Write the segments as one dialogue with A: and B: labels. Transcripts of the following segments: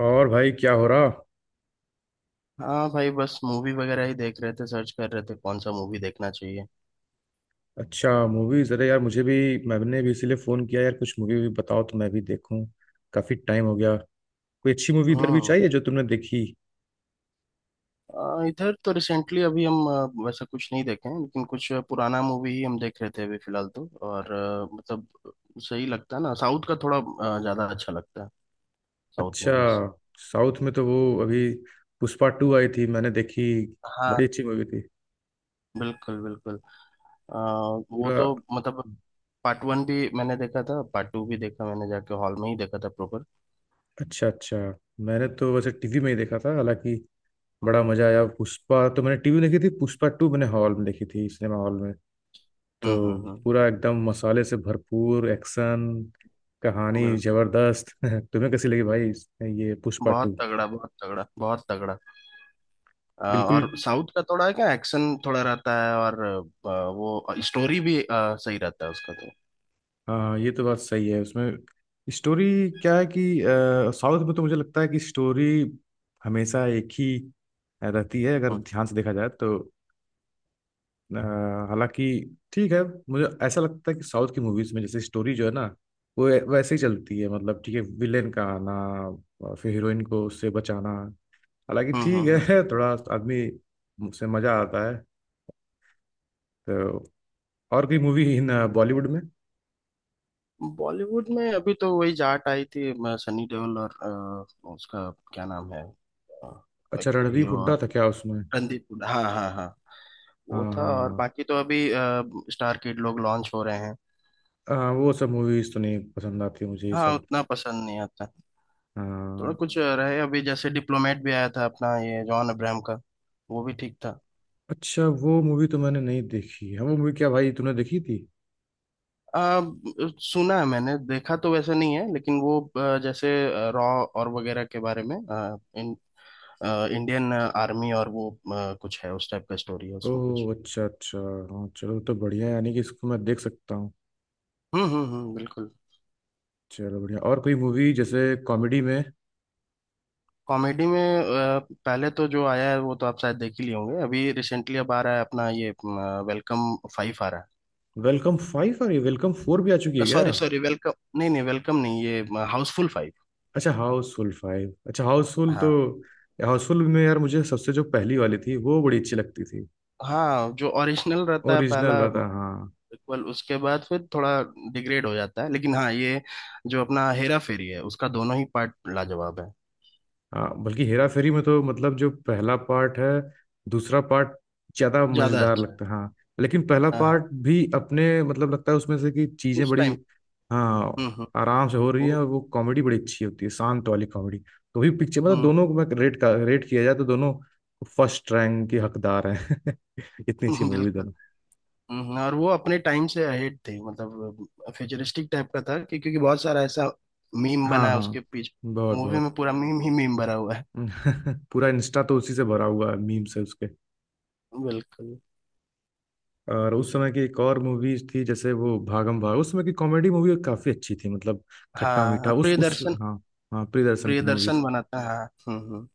A: और भाई क्या हो रहा।
B: हाँ भाई, बस मूवी वगैरह ही देख रहे थे। सर्च कर रहे थे कौन सा मूवी देखना चाहिए।
A: अच्छा मूवीज। अरे यार मुझे भी, मैंने भी इसीलिए फोन किया यार। कुछ मूवी भी बताओ तो मैं भी देखूं। काफी टाइम हो गया। कोई अच्छी मूवी इधर भी
B: हम्म।
A: चाहिए जो तुमने देखी।
B: इधर तो रिसेंटली अभी हम वैसा कुछ नहीं देखे हैं, लेकिन कुछ पुराना मूवी ही हम देख रहे थे अभी फिलहाल तो। और मतलब सही लगता है ना, साउथ का थोड़ा ज्यादा अच्छा लगता है। साउथ
A: अच्छा,
B: मूवीज।
A: साउथ में तो वो अभी पुष्पा टू आई थी, मैंने देखी।
B: हाँ,
A: बड़ी अच्छी मूवी थी।
B: बिल्कुल बिल्कुल। अ, वो
A: पूरा।
B: तो मतलब पार्ट वन भी मैंने देखा था, पार्ट टू भी देखा मैंने, जाके हॉल में ही देखा था प्रॉपर।
A: अच्छा अच्छा, मैंने तो वैसे टीवी में ही देखा था हालांकि। बड़ा मजा आया। पुष्पा तो मैंने टीवी में देखी थी, पुष्पा टू मैंने हॉल में देखी थी, सिनेमा हॉल में। तो
B: हम्म,
A: पूरा एकदम मसाले से भरपूर एक्शन, कहानी
B: बिल्कुल।
A: जबरदस्त। तुम्हें कैसी लगी भाई ये पुष्पा
B: बहुत
A: टू?
B: तगड़ा, बहुत तगड़ा, बहुत तगड़ा।
A: बिल्कुल।
B: और साउथ का थोड़ा क्या एक्शन थोड़ा रहता है, और वो स्टोरी भी सही रहता है उसका तो।
A: हाँ ये तो बात सही है उसमें। स्टोरी क्या है कि साउथ में तो मुझे लगता है कि स्टोरी हमेशा एक ही रहती है अगर
B: हम्म
A: ध्यान से देखा जाए तो। अ, हालांकि ठीक है, मुझे ऐसा लगता है कि साउथ की मूवीज में जैसे स्टोरी जो है ना, वो वैसे ही चलती है। मतलब ठीक है, विलेन का आना और फिर हीरोइन को उससे बचाना। हालांकि ठीक
B: हम्म
A: है, थोड़ा आदमी से मजा आता है तो। और कोई मूवी इन बॉलीवुड में?
B: बॉलीवुड में अभी तो वही जाट आई थी, सनी देओल और उसका क्या नाम है, अ,
A: अच्छा,
B: एक
A: रणदीप
B: हीरो
A: हुड्डा
B: और
A: था क्या उसमें?
B: रणदीप हुड्डा। हाँ हाँ हाँ, वो
A: हाँ
B: था। और
A: हाँ।
B: बाकी तो अभी स्टार किड लोग लॉन्च हो रहे हैं।
A: हाँ, हाँ, वो सब मूवीज तो नहीं पसंद आती मुझे, ये
B: हाँ,
A: सब।
B: उतना पसंद नहीं आता। थोड़ा
A: हाँ।
B: कुछ रहे अभी, जैसे डिप्लोमेट भी आया था अपना ये जॉन अब्राहम का, वो भी ठीक था।
A: अच्छा, वो मूवी तो मैंने नहीं देखी है। वो मूवी क्या भाई, तूने देखी थी?
B: आ, सुना है, मैंने देखा तो वैसा नहीं है, लेकिन वो जैसे रॉ और वगैरह के बारे में इंडियन आर्मी और वो कुछ है, उस टाइप का स्टोरी है उसमें कुछ।
A: ओह अच्छा अच्छा। हाँ चलो तो बढ़िया है, यानी कि इसको मैं देख सकता हूँ।
B: हम्म, बिल्कुल।
A: चलो बढ़िया। और कोई मूवी जैसे कॉमेडी में?
B: कॉमेडी में पहले तो जो आया है वो तो आप शायद देख ही लिए होंगे। अभी रिसेंटली अब आ रहा है अपना ये वेलकम फाइव आ रहा
A: वेलकम फाइव? और ये वेलकम फोर भी आ चुकी है
B: है।
A: क्या?
B: सॉरी सॉरी, वेलकम नहीं, नहीं वेलकम नहीं, ये हाउसफुल फाइव।
A: अच्छा हाउसफुल फाइव। अच्छा हाउसफुल तो,
B: हाँ,
A: हाउसफुल में यार मुझे सबसे जो पहली वाली थी वो बड़ी अच्छी लगती थी।
B: हाँ जो ओरिजिनल रहता है
A: ओरिजिनल
B: पहला,
A: वाला था, हाँ।
B: बिल्कुल। उसके बाद फिर थोड़ा डिग्रेड हो जाता है, लेकिन हाँ, ये जो अपना हेरा फेरी है उसका दोनों ही पार्ट लाजवाब है।
A: हाँ बल्कि हेरा फेरी में तो मतलब जो पहला पार्ट है, दूसरा पार्ट ज्यादा
B: ज्यादा
A: मजेदार
B: अच्छा है।
A: लगता है, हाँ। लेकिन पहला
B: हाँ
A: पार्ट
B: हाँ,
A: भी अपने मतलब लगता है उसमें से कि चीजें
B: उस
A: बड़ी,
B: टाइम।
A: हाँ,
B: हम्म।
A: आराम से हो रही है। और
B: वो।
A: वो कॉमेडी बड़ी अच्छी होती है, शांत वाली कॉमेडी। तो भी पिक्चर मतलब
B: हम्म।
A: दोनों को मैं रेट का रेट किया जाए तो दोनों फर्स्ट रैंक के हकदार हैं। इतनी अच्छी मूवी।
B: बिल्कुल। और वो अपने टाइम से अहेड थी, मतलब फ्यूचरिस्टिक टाइप का था। कि क्योंकि बहुत सारा ऐसा मीम बना
A: हाँ
B: है
A: हाँ,
B: उसके पीछे,
A: बहुत
B: मूवी
A: बहुत।
B: में पूरा मीम ही मीम भरा हुआ है।
A: पूरा इंस्टा तो उसी से भरा हुआ है, मीम से उसके।
B: बिल्कुल।
A: और उस समय की एक और मूवी थी, जैसे वो भागम भाग। उस समय की कॉमेडी मूवी काफी अच्छी थी, मतलब खट्टा मीठा।
B: हाँ,
A: उस
B: प्रियदर्शन।
A: हाँ। हाँ प्रियदर्शन की मूवीज।
B: प्रियदर्शन बना था, हाँ। हम्म।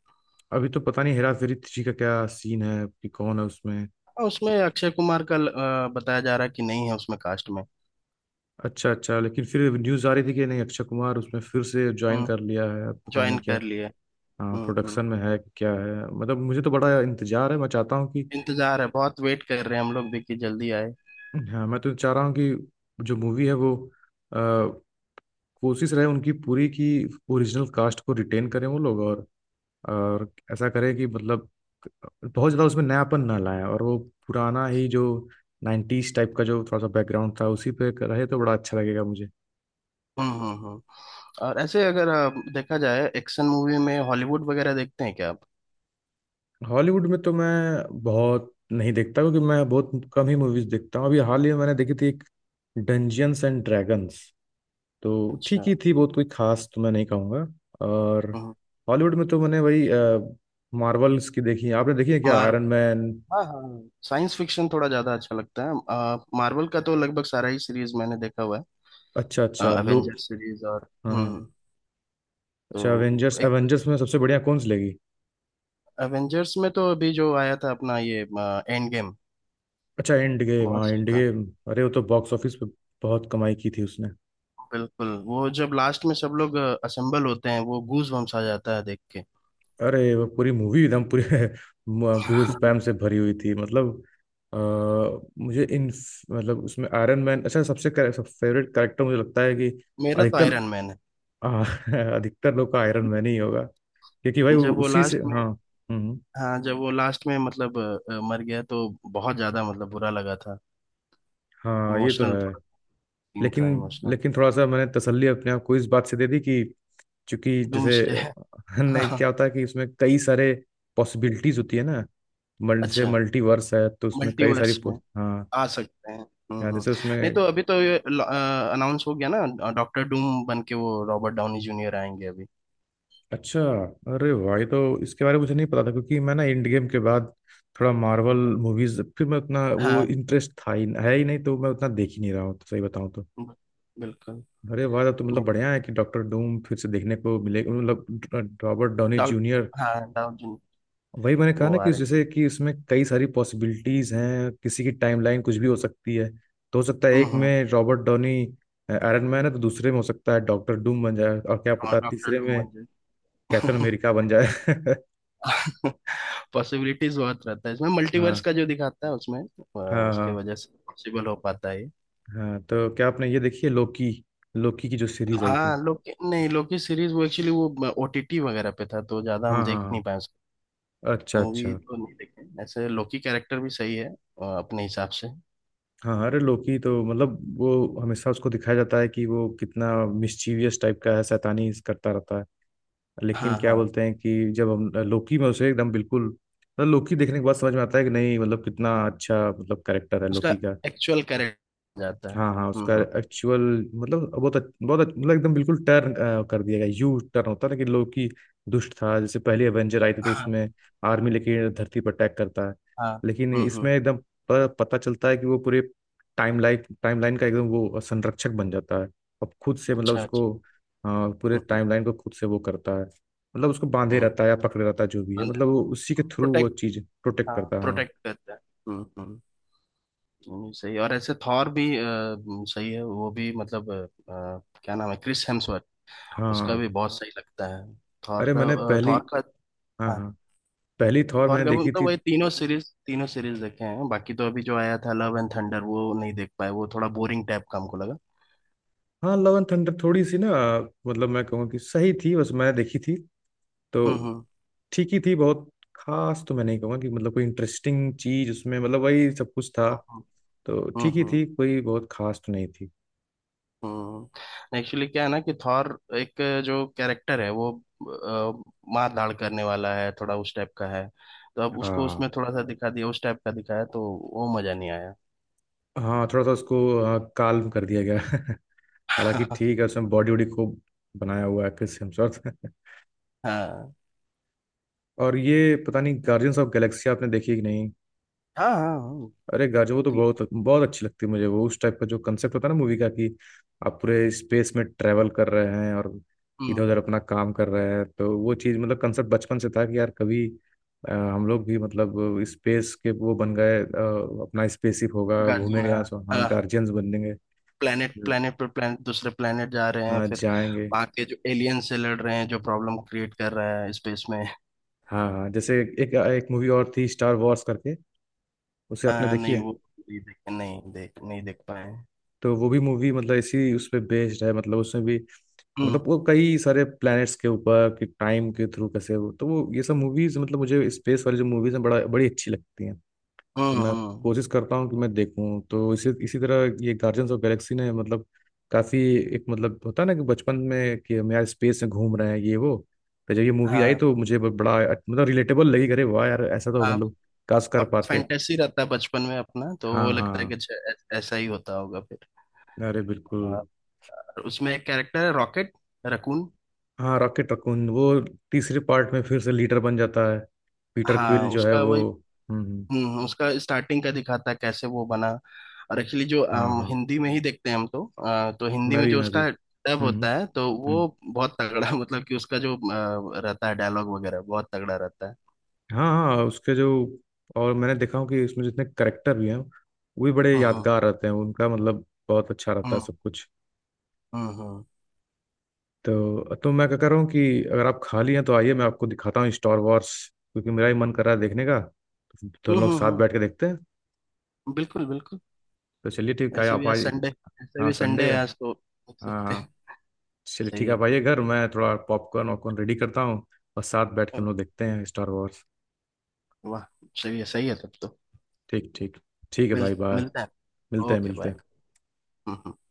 A: अभी तो पता नहीं हेरा फेरी थ्री का क्या सीन है कि कौन है उसमें।
B: और उसमें अक्षय कुमार का बताया जा रहा है कि नहीं है उसमें कास्ट में।
A: अच्छा अच्छा, लेकिन फिर न्यूज आ रही थी कि नहीं अक्षय कुमार उसमें फिर से ज्वाइन
B: हम्म।
A: कर लिया है। अब पता
B: ज्वाइन
A: नहीं क्या।
B: कर लिए।
A: हाँ
B: हम्म,
A: प्रोडक्शन में है कि क्या है। मतलब मुझे तो बड़ा इंतजार है, मैं चाहता हूँ कि,
B: इंतजार है, बहुत वेट कर रहे हैं हम लोग, देखिए जल्दी आए।
A: हाँ मैं तो चाह रहा हूँ कि जो मूवी है वो, अ, कोशिश रहे उनकी पूरी की ओरिजिनल कास्ट को रिटेन करें वो लोग। और ऐसा करें कि मतलब बहुत ज़्यादा उसमें नयापन ना लाएं, और वो पुराना ही जो नाइन्टीज टाइप का जो थोड़ा सा बैकग्राउंड था उसी पे रहे तो बड़ा अच्छा लगेगा मुझे।
B: हम्म हम्म, हम्म। और ऐसे अगर देखा जाए, एक्शन मूवी में हॉलीवुड वगैरह देखते हैं क्या आप?
A: हॉलीवुड में तो मैं बहुत नहीं देखता, क्योंकि मैं बहुत कम ही मूवीज़ देखता हूँ। अभी हाल ही में मैंने देखी थी एक, डंजियंस एंड ड्रैगन्स। तो
B: अच्छा।
A: ठीक ही थी, बहुत कोई खास तो मैं नहीं कहूँगा। और
B: हम्म।
A: हॉलीवुड में तो मैंने वही मार्वल्स की देखी है। आपने देखी है क्या आयरन
B: मार्वल,
A: मैन?
B: हाँ हाँ, साइंस फिक्शन थोड़ा ज्यादा अच्छा लगता है। मार्वल का तो लगभग सारा ही सीरीज मैंने देखा हुआ
A: अच्छा
B: है,
A: अच्छा लूप।
B: अवेंजर्स सीरीज और
A: हाँ हाँ।
B: हम्म।
A: अच्छा
B: तो
A: एवेंजर्स,
B: एक,
A: एवेंजर्स में सबसे बढ़िया कौन सी लगी?
B: अवेंजर्स में तो अभी जो आया था अपना ये एंड गेम,
A: अच्छा एंड गेम,
B: बहुत
A: हाँ
B: सही
A: एंड
B: था।
A: गेम। अरे वो तो बॉक्स ऑफिस पे बहुत कमाई की थी उसने।
B: बिल्कुल, वो जब लास्ट में सब लोग असेंबल होते हैं, वो गूज बम्स आ जाता है देख के।
A: अरे वो पूरी मूवी एकदम पूरी गूज पैम से भरी हुई थी मतलब। अ, मुझे इन, मतलब उसमें आयरन मैन अच्छा सबसे कर, सब फेवरेट कैरेक्टर मुझे लगता है कि
B: मेरा तो
A: अधिकतर।
B: आयरन मैन है।
A: हाँ, अधिकतर लोग का आयरन मैन ही होगा क्योंकि भाई वो
B: जब वो
A: उसी से,
B: लास्ट में,
A: हाँ। हम्म।
B: हाँ जब वो लास्ट में मतलब मर गया, तो बहुत ज्यादा मतलब बुरा लगा था।
A: हाँ ये तो
B: इमोशनल
A: है।
B: थोड़ा, सीन
A: लेकिन,
B: था इमोशनल।
A: लेकिन थोड़ा सा मैंने तसल्ली अपने आप को इस बात से दे दी कि चूंकि जैसे,
B: डूम्सडे है।
A: नहीं
B: हाँ।
A: क्या होता है कि उसमें कई सारे पॉसिबिलिटीज होती है ना, जैसे
B: अच्छा,
A: मल्टीवर्स है तो उसमें कई सारी
B: मल्टीवर्स
A: पो-,
B: में
A: हाँ।
B: आ सकते हैं। हम्म
A: यहाँ
B: हम्म।
A: जैसे
B: नहीं,
A: उसमें,
B: तो अभी तो ये अनाउंस हो गया ना, डॉक्टर डूम बन के वो रॉबर्ट डाउनी जूनियर आएंगे अभी।
A: अच्छा। अरे भाई तो इसके बारे में मुझे नहीं पता था, क्योंकि मैं ना एंड गेम के बाद थोड़ा मार्वल मूवीज फिर मैं उतना वो
B: हाँ,
A: इंटरेस्ट था ही है ही नहीं, तो मैं उतना देख ही नहीं रहा हूँ तो, सही बताऊँ तो।
B: बिल्कुल।
A: अरे वाह तब तो मतलब
B: नहीं,
A: बढ़िया है कि डॉक्टर डूम फिर से देखने को मिले। मतलब रॉबर्ट डॉनी
B: डॉक,
A: जूनियर।
B: हाँ डाउनी।
A: वही मैंने कहा
B: वो
A: ना
B: आ
A: कि
B: रहे।
A: जैसे कि इसमें कई सारी पॉसिबिलिटीज हैं, किसी की टाइमलाइन कुछ भी हो सकती है। तो हो सकता है एक
B: हम्म।
A: में रॉबर्ट डॉनी आयरन मैन है तो दूसरे में हो सकता है डॉक्टर डूम बन जाए, और क्या पता
B: डॉक्टर
A: तीसरे
B: डूम
A: में
B: बन
A: कैप्टन
B: जाए।
A: अमेरिका बन जाए।
B: पॉसिबिलिटीज बहुत रहता है इसमें, मल्टीवर्स
A: हाँ
B: का जो दिखाता है उसमें,
A: हाँ।
B: उसके
A: हाँ
B: वजह से पॉसिबल हो पाता है ये।
A: हाँ, तो क्या आपने ये देखी है लोकी, लोकी की जो सीरीज आई थी?
B: हाँ लोकी, नहीं लोकी सीरीज वो एक्चुअली वो ओटीटी वगैरह पे था, तो ज्यादा
A: हाँ
B: हम
A: हाँ
B: देख नहीं
A: हाँ,
B: पाए उसको।
A: अच्छा
B: मूवी
A: अच्छा।
B: तो नहीं देखे ऐसे, लोकी कैरेक्टर भी सही है अपने हिसाब से।
A: हाँ अरे लोकी तो मतलब वो हमेशा उसको दिखाया जाता है कि वो कितना मिस्चीवियस टाइप का है, शैतानी करता रहता है। लेकिन
B: हाँ
A: क्या
B: हाँ,
A: बोलते हैं कि जब हम लोकी में उसे एकदम बिल्कुल मतलब लोकी देखने के बाद समझ में आता है कि नहीं मतलब कितना अच्छा मतलब कैरेक्टर है
B: उसका
A: लोकी का।
B: एक्चुअल कैरेक्टर जाता है।
A: हाँ हाँ उसका
B: हम्म।
A: एक्चुअल। मतलब मतलब एकदम बिल्कुल टर्न कर दिया गया, यू टर्न होता है। लेकिन लोकी दुष्ट था जैसे पहले एवेंजर आई थी तो
B: हाँ
A: उसमें आर्मी लेके धरती पर अटैक करता है,
B: हाँ।
A: लेकिन इसमें
B: हम्म।
A: एकदम पता चलता है कि वो पूरे टाइम लाइन का एकदम वो संरक्षक बन जाता है। अब खुद से मतलब
B: अच्छा अच्छा।
A: उसको, अ, पूरे
B: हम्म हम्म
A: टाइम लाइन को खुद से वो करता है मतलब उसको बांधे
B: हम्म,
A: रहता है या पकड़े रहता है जो भी है
B: बंदर,
A: मतलब वो उसी के थ्रू वो
B: प्रोटेक्ट,
A: चीज प्रोटेक्ट
B: हाँ
A: करता है, हाँ।
B: प्रोटेक्ट करता है। हम्म। सही। और ऐसे थॉर भी सही है वो भी, मतलब क्या नाम है, क्रिस हेम्सवर्थ, उसका
A: हाँ
B: भी बहुत सही लगता है थॉर
A: अरे
B: का।
A: मैंने पहली,
B: थॉर का,
A: हाँ
B: हाँ
A: हाँ, पहली थॉर
B: थॉर
A: मैंने
B: का,
A: देखी
B: मतलब
A: थी।
B: वही तीनों सीरीज, तीनों सीरीज देखे हैं। बाकी तो अभी जो आया था लव एंड थंडर वो नहीं देख पाए, वो थोड़ा बोरिंग टाइप का हमको लगा।
A: हाँ लव एंड थंडर थोड़ी सी ना, मतलब मैं कहूँगा कि सही थी बस, मैं देखी थी तो
B: हम्म हम्म
A: ठीक ही थी। बहुत खास तो मैं नहीं कहूँगा कि मतलब कोई इंटरेस्टिंग चीज उसमें, मतलब वही सब कुछ था तो
B: हम्म
A: ठीक ही
B: हम्म
A: थी, कोई बहुत खास तो नहीं थी।
B: एक्चुअली क्या है ना कि थॉर, एक जो कैरेक्टर है वो मार धाड़ करने वाला है, थोड़ा उस टाइप का है। तो अब उसको
A: हाँ
B: उसमें थोड़ा सा दिखा दिया, उस टाइप का दिखाया, तो वो मजा नहीं आया।
A: हाँ, थोड़ा सा उसको, हाँ, काल्म कर दिया गया। हालांकि
B: हाँ
A: ठीक है, उसमें बॉडी वॉडी खूब बनाया हुआ है क्रिस हेम्सवर्थ। और ये पता नहीं गार्जियंस ऑफ गैलेक्सी आपने देखी कि नहीं।
B: हाँ हाँ।
A: अरे गाजर वो तो
B: ती-
A: बहुत बहुत अच्छी लगती है मुझे। वो उस टाइप का जो कंसेप्ट होता है ना मूवी का कि आप पूरे स्पेस में ट्रेवल कर रहे हैं और
B: हम्म,
A: इधर उधर अपना काम कर रहे हैं, तो वो चीज़ मतलब कंसेप्ट बचपन से था कि यार कभी, हम लोग भी मतलब स्पेस के वो बन गए, अपना स्पेसशिप होगा,
B: गार्जियन,
A: घूमेंगे
B: हाँ
A: यहाँ से, हाँ,
B: हाँ।
A: गार्जियंस बनेंगे।
B: प्लेनेट
A: हम्म,
B: प्लेनेट पर प्लेनेट, दूसरे प्लेनेट जा रहे हैं
A: हाँ
B: फिर,
A: जाएंगे।
B: वहां के जो एलियन से लड़ रहे हैं जो प्रॉब्लम क्रिएट कर रहा है स्पेस में।
A: हाँ हाँ, जैसे एक एक मूवी और थी स्टार वॉर्स करके, उसे आपने
B: हाँ,
A: देखी
B: नहीं
A: है?
B: वो नहीं देख, नहीं देख, नहीं देख पाए।
A: तो वो भी मूवी मतलब इसी उस पे बेस्ड है, मतलब उसमें भी
B: हम्म
A: मतलब वो कई सारे प्लैनेट्स के ऊपर कि टाइम के थ्रू कैसे वो, तो वो ये सब मूवीज मतलब मुझे स्पेस वाली जो मूवीज हैं बड़ा, बड़ी अच्छी लगती हैं। तो मैं
B: हम्म।
A: कोशिश करता हूँ कि मैं देखूँ, तो इसी इसी तरह ये गार्जियंस ऑफ गैलेक्सी ने मतलब काफी एक मतलब, होता है ना कि बचपन में कि हम यार स्पेस में घूम रहे हैं ये वो। तो जब ये मूवी आई
B: हाँ
A: तो मुझे बड़ा मतलब रिलेटेबल लगी, अरे वाह यार ऐसा तो
B: आप,
A: मतलब काश कर
B: अब
A: पाते।
B: फैंटेसी रहता है बचपन में अपना, तो वो
A: हाँ
B: लगता है कि
A: हाँ,
B: अच्छा, ऐसा ही होता होगा फिर।
A: अरे बिल्कुल।
B: हाँ, उसमें एक कैरेक्टर है रॉकेट रकून।
A: हाँ रॉकेट रकून, वो तीसरे पार्ट में फिर से लीडर बन जाता है, पीटर
B: हाँ
A: क्विल जो है
B: उसका
A: वो।
B: वही।
A: हम्म हम्म,
B: हम्म, उसका स्टार्टिंग का दिखाता है कैसे वो बना। और एक्चुअली जो
A: हाँ हाँ,
B: हिंदी में ही देखते हैं हम तो, तो हिंदी
A: मैं
B: में
A: भी
B: जो
A: मैं भी
B: उसका डब
A: हम्म हम्म
B: होता है तो
A: हम्म।
B: वो बहुत तगड़ा। मतलब कि उसका जो रहता है डायलॉग वगैरह, बहुत तगड़ा रहता है।
A: हाँ हाँ उसके जो, और मैंने देखा हूँ कि इसमें जितने करेक्टर भी हैं वो भी बड़े
B: हम्म
A: यादगार रहते हैं उनका, मतलब बहुत अच्छा रहता है
B: हम्म
A: सब कुछ।
B: हम्म हम्म
A: तो मैं क्या कर रहा हूँ कि अगर आप खाली हैं तो आइए मैं आपको दिखाता हूँ स्टार वॉर्स, क्योंकि मेरा ही मन कर रहा है देखने का, तो हम
B: हम्म
A: लोग
B: हम्म,
A: साथ
B: हम्म,
A: बैठ के देखते हैं।
B: बिल्कुल बिल्कुल।
A: तो चलिए ठीक है
B: ऐसे भी
A: आप
B: आज
A: आइए।
B: संडे, ऐसे
A: हाँ
B: भी संडे
A: संडे है।
B: है आज तो, देख
A: हाँ
B: सकते
A: हाँ।
B: हैं।
A: चलिए ठीक
B: सही
A: है
B: है।
A: आप आइए घर, मैं थोड़ा पॉपकॉर्न वॉपकॉर्न रेडी करता हूँ, और साथ बैठ के हम लोग देखते हैं स्टार वॉर्स।
B: वाह, सही है तब तो।
A: ठीक ठीक, ठीक है भाई बाय।
B: मिलता है।
A: मिलते हैं
B: ओके,
A: मिलते हैं।
B: बाय।